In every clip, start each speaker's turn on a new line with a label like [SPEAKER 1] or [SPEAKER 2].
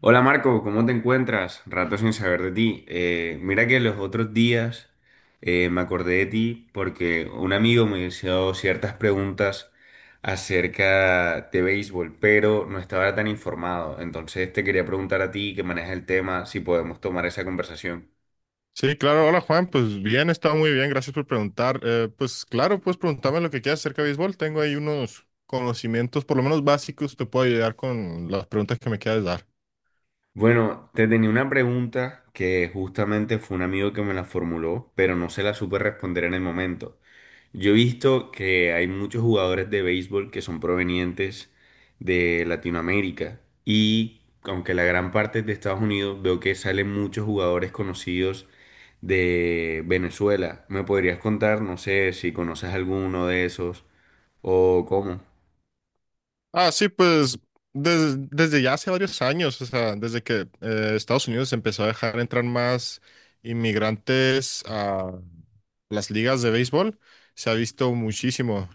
[SPEAKER 1] Hola Marco, ¿cómo te encuentras? Rato sin saber de ti. Mira que los otros días me acordé de ti porque un amigo me hizo ciertas preguntas acerca de béisbol, pero no estaba tan informado. Entonces te quería preguntar a ti que manejas el tema si podemos tomar esa conversación.
[SPEAKER 2] Sí, claro. Hola Juan, pues bien, está muy bien, gracias por preguntar. Pues claro, puedes preguntarme lo que quieras acerca de béisbol. Tengo ahí unos conocimientos, por lo menos básicos, te puedo ayudar con las preguntas que me quieras dar.
[SPEAKER 1] Bueno, te tenía una pregunta que justamente fue un amigo que me la formuló, pero no se la supe responder en el momento. Yo he visto que hay muchos jugadores de béisbol que son provenientes de Latinoamérica y aunque la gran parte es de Estados Unidos, veo que salen muchos jugadores conocidos de Venezuela. ¿Me podrías contar, no sé, si conoces alguno de esos o cómo?
[SPEAKER 2] Ah, sí, pues desde ya hace varios años, o sea, desde que Estados Unidos empezó a dejar entrar más inmigrantes a las ligas de béisbol, se ha visto muchísimo.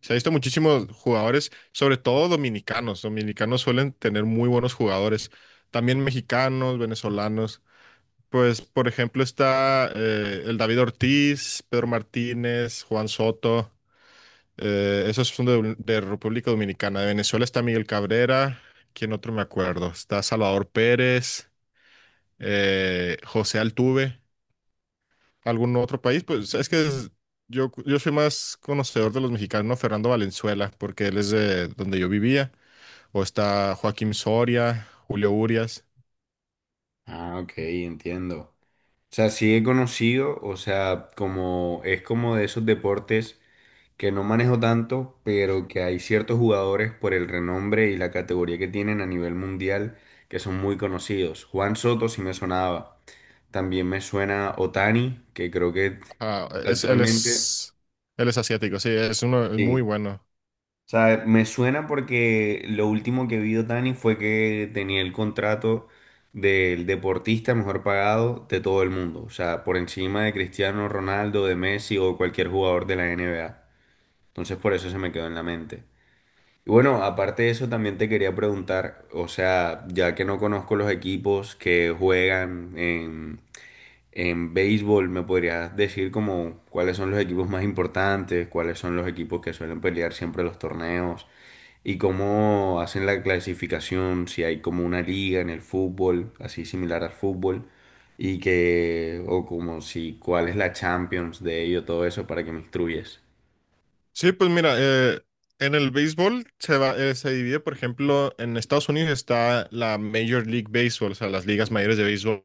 [SPEAKER 2] Se ha visto muchísimos jugadores, sobre todo dominicanos. Dominicanos suelen tener muy buenos jugadores. También mexicanos, venezolanos. Pues, por ejemplo, está el David Ortiz, Pedro Martínez, Juan Soto. Esos son de República Dominicana. De Venezuela está Miguel Cabrera. ¿Quién otro me acuerdo? Está Salvador Pérez, José Altuve, algún otro país, pues es que yo soy más conocedor de los mexicanos, ¿no? Fernando Valenzuela, porque él es de donde yo vivía, o está Joaquín Soria, Julio Urias.
[SPEAKER 1] Ah, ok, entiendo. O sea, sí he conocido, o sea, como es como de esos deportes que no manejo tanto, pero que hay ciertos jugadores por el renombre y la categoría que tienen a nivel mundial que son muy conocidos. Juan Soto sí me sonaba. También me suena Otani, que creo que
[SPEAKER 2] Ah, es, él
[SPEAKER 1] actualmente,
[SPEAKER 2] es, él es asiático, sí, es uno es muy
[SPEAKER 1] sí,
[SPEAKER 2] bueno.
[SPEAKER 1] o sea, me suena porque lo último que vio Dani fue que tenía el contrato del deportista mejor pagado de todo el mundo. O sea, por encima de Cristiano Ronaldo, de Messi o cualquier jugador de la NBA. Entonces, por eso se me quedó en la mente. Y bueno, aparte de eso, también te quería preguntar, o sea, ya que no conozco los equipos que juegan en béisbol, ¿me podrías decir como cuáles son los equipos más importantes, cuáles son los equipos que suelen pelear siempre los torneos? ¿Y cómo hacen la clasificación? Si hay como una liga en el fútbol, así similar al fútbol, y que, o como si, ¿cuál es la Champions de ello? Todo eso para que me instruyes.
[SPEAKER 2] Sí, pues mira, en el béisbol se va, se divide, por ejemplo, en Estados Unidos está la Major League Baseball, o sea, las ligas mayores de béisbol,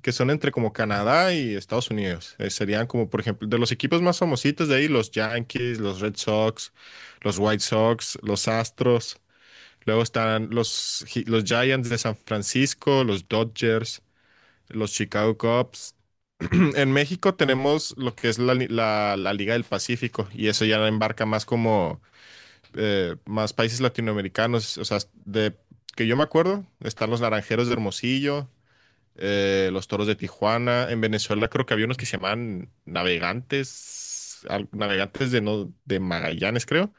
[SPEAKER 2] que son entre como Canadá y Estados Unidos. Serían como, por ejemplo, de los equipos más famositos de ahí, los Yankees, los Red Sox, los White Sox, los Astros. Luego están los, los Giants de San Francisco, los Dodgers, los Chicago Cubs. En México tenemos lo que es la Liga del Pacífico y eso ya embarca más como más países latinoamericanos, o sea, de que yo me acuerdo, están los Naranjeros de Hermosillo, los Toros de Tijuana. En Venezuela creo que había unos que se llamaban Navegantes, Navegantes de, no, de Magallanes, creo,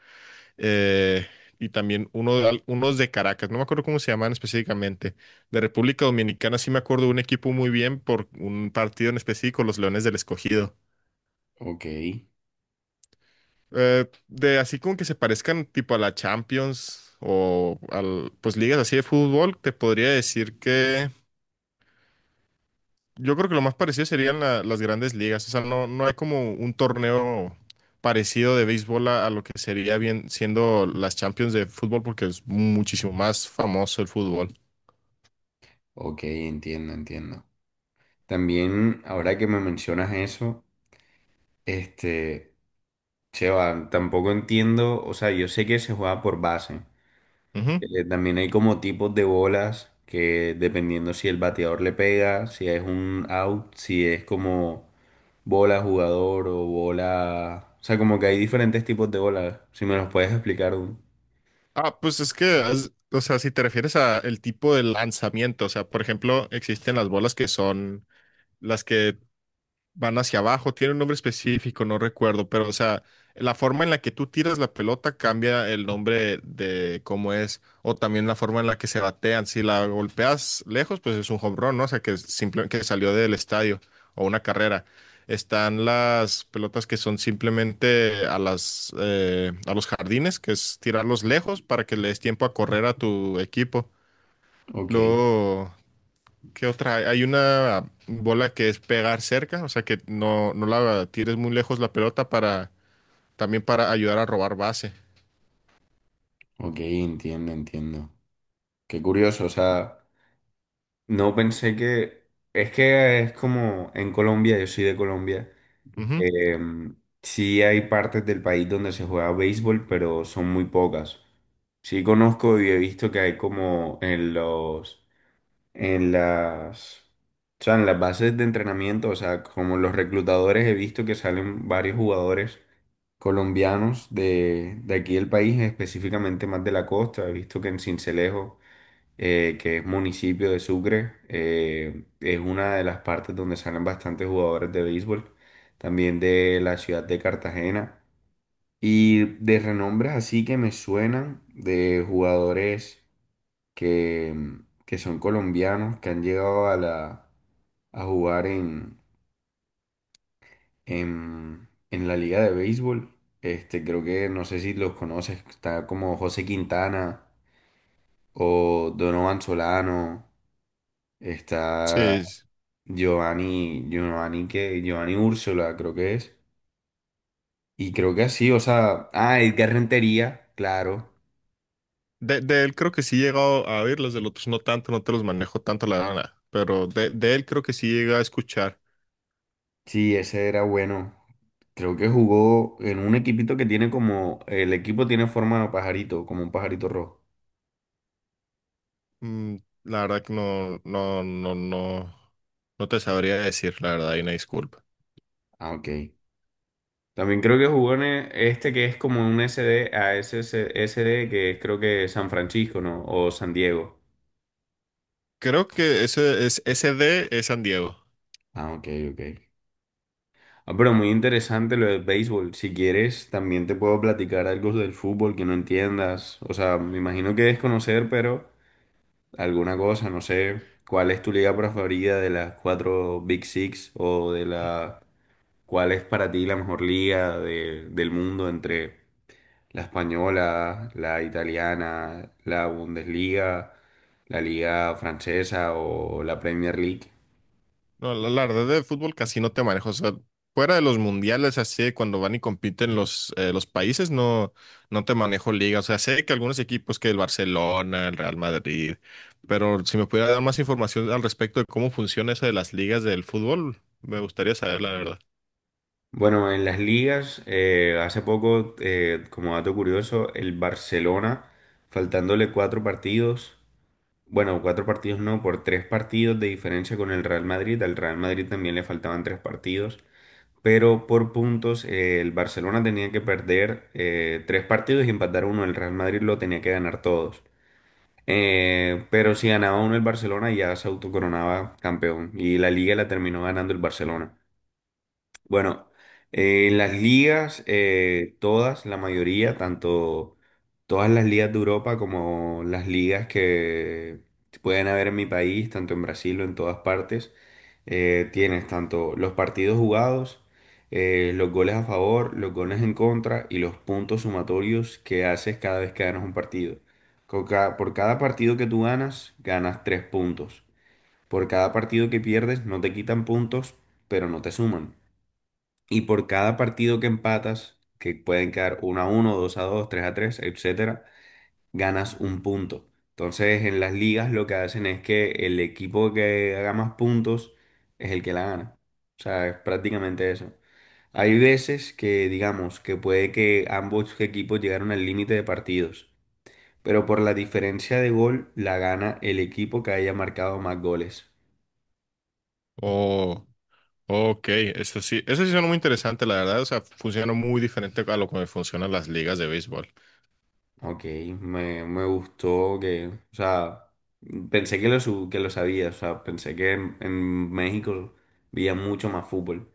[SPEAKER 2] eh, y también uno, de unos de Caracas, no me acuerdo cómo se llaman específicamente. De República Dominicana sí me acuerdo de un equipo muy bien por un partido en específico, los Leones del Escogido.
[SPEAKER 1] Ok,
[SPEAKER 2] De así como que se parezcan tipo a la Champions o al, pues ligas así de fútbol, te podría decir que yo creo que lo más parecido serían las grandes ligas. O sea, no, no hay como un torneo parecido de béisbol a lo que sería bien siendo las Champions de fútbol porque es muchísimo más famoso el fútbol.
[SPEAKER 1] ok, entiendo, entiendo. También, ahora que me mencionas eso, este, Cheva, tampoco entiendo, o sea, yo sé que se juega por base.
[SPEAKER 2] Ujú.
[SPEAKER 1] También hay como tipos de bolas que dependiendo si el bateador le pega, si es un out, si es como bola jugador o bola... O sea, como que hay diferentes tipos de bolas. Si me los puedes explicar un...
[SPEAKER 2] Ah, pues es que, o sea, si te refieres a el tipo de lanzamiento, o sea, por ejemplo, existen las bolas que son las que van hacia abajo, tiene un nombre específico, no recuerdo, pero o sea, la forma en la que tú tiras la pelota cambia el nombre de cómo es, o también la forma en la que se batean. Si la golpeas lejos, pues es un home run, ¿no? O sea, que simplemente que salió del estadio o una carrera. Están las pelotas que son simplemente a las a los jardines, que es tirarlos lejos para que le des tiempo a correr a tu equipo.
[SPEAKER 1] Ok,
[SPEAKER 2] Luego ¿qué otra hay? Hay una bola que es pegar cerca, o sea que no, no la tires muy lejos la pelota para también para ayudar a robar base.
[SPEAKER 1] ok, entiendo, entiendo. Qué curioso, o sea, no pensé que es como en Colombia, yo soy de Colombia.
[SPEAKER 2] Ujú.
[SPEAKER 1] Eh, sí hay partes del país donde se juega béisbol, pero son muy pocas. Sí conozco y he visto que hay como en los, en las, o sea, en las bases de entrenamiento, o sea, como los reclutadores he visto que salen varios jugadores colombianos de aquí del país, específicamente más de la costa. He visto que en Sincelejo que es municipio de Sucre, es una de las partes donde salen bastantes jugadores de béisbol, también de la ciudad de Cartagena. Y de renombres así que me suenan de jugadores que, que son colombianos, que han llegado a la, a jugar en la liga de béisbol. Este, creo que no sé si los conoces, está como José Quintana o Donovan Solano,
[SPEAKER 2] Sí,
[SPEAKER 1] está Giovanni Úrsula, creo que es. Y creo que así, o sea, ah, Edgar Rentería, claro.
[SPEAKER 2] de él creo que sí he llegado a oír, los del otros no tanto, no te los manejo tanto la gana, pero de él creo que sí llega a escuchar.
[SPEAKER 1] Sí, ese era bueno. Creo que jugó en un equipito que tiene como, el equipo tiene forma de pajarito, como un pajarito rojo.
[SPEAKER 2] Mm, la verdad que no, no te sabría decir, la verdad, y una disculpa.
[SPEAKER 1] Ah, ok. También creo que jugó en este que es como un S D a S S S D que es creo que San Francisco, ¿no? O San Diego.
[SPEAKER 2] Creo que ese, es, ese D es San Diego.
[SPEAKER 1] Ah, ok. Ah, pero muy interesante lo del béisbol. Si quieres, también te puedo platicar algo del fútbol que no entiendas. O sea, me imagino que debes conocer, pero alguna cosa, no sé. ¿Cuál es tu liga preferida de las cuatro Big Six? ¿O de la... cuál es para ti la mejor liga de- del mundo entre la española, la italiana, la Bundesliga, la liga francesa o la Premier League?
[SPEAKER 2] No, la verdad de fútbol casi no te manejo. O sea, fuera de los mundiales, así de cuando van y compiten los países, no, no te manejo liga. O sea, sé que algunos equipos que el Barcelona, el Real Madrid, pero si me pudiera dar más información al respecto de cómo funciona eso de las ligas del fútbol, me gustaría saber, la verdad.
[SPEAKER 1] Bueno, en las ligas, hace poco, como dato curioso, el Barcelona, faltándole cuatro partidos, bueno, cuatro partidos no, por tres partidos de diferencia con el Real Madrid, al Real Madrid también le faltaban tres partidos, pero por puntos, el Barcelona tenía que perder tres partidos y empatar uno, el Real Madrid lo tenía que ganar todos. Pero si ganaba uno el Barcelona ya se autocoronaba campeón y la liga la terminó ganando el Barcelona. Bueno, en las ligas, todas, la mayoría, tanto todas las ligas de Europa como las ligas que pueden haber en mi país, tanto en Brasil o en todas partes, tienes tanto los partidos jugados, los goles a favor, los goles en contra y los puntos sumatorios que haces cada vez que ganas un partido. Con por cada partido que tú ganas, ganas tres puntos. Por cada partido que pierdes, no te quitan puntos, pero no te suman. Y por cada partido que empatas, que pueden quedar uno a uno, 2 a dos, 3 a tres, etcétera, ganas un punto. Entonces, en las ligas lo que hacen es que el equipo que haga más puntos es el que la gana. O sea, es prácticamente eso. Hay veces que, digamos, que puede que ambos equipos llegaron al límite de partidos, pero por la diferencia de gol la gana el equipo que haya marcado más goles.
[SPEAKER 2] Oh, ok, eso sí suena muy interesante, la verdad. O sea, funciona muy diferente a lo que funcionan las ligas de béisbol.
[SPEAKER 1] Ok, me gustó que, o sea, pensé que lo, que lo sabía, o sea, pensé que en México veía mucho más fútbol.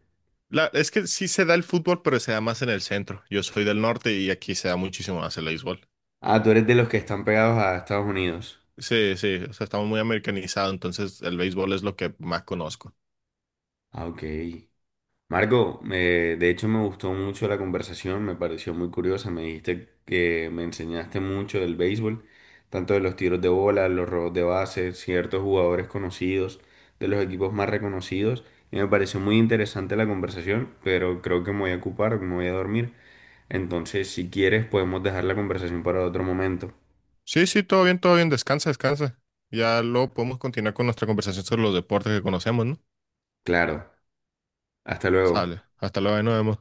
[SPEAKER 2] La, es que sí se da el fútbol, pero se da más en el centro. Yo soy del norte y aquí se da muchísimo más el béisbol.
[SPEAKER 1] Ah, tú eres de los que están pegados a Estados Unidos.
[SPEAKER 2] Sí, sí, o sea, estamos muy americanizados, entonces el béisbol es lo que más conozco.
[SPEAKER 1] Ah, ok. Marco, de hecho me gustó mucho la conversación, me pareció muy curiosa. Me dijiste que me enseñaste mucho del béisbol, tanto de los tiros de bola, los robos de base, ciertos jugadores conocidos, de los equipos más reconocidos. Y me pareció muy interesante la conversación, pero creo que me voy a ocupar, me voy a dormir. Entonces, si quieres, podemos dejar la conversación para otro momento.
[SPEAKER 2] Sí, sí, todo bien, descansa, descansa. Ya luego podemos continuar con nuestra conversación sobre los deportes que conocemos, ¿no?
[SPEAKER 1] Claro, hasta luego.
[SPEAKER 2] Sale, hasta luego, ahí nos vemos.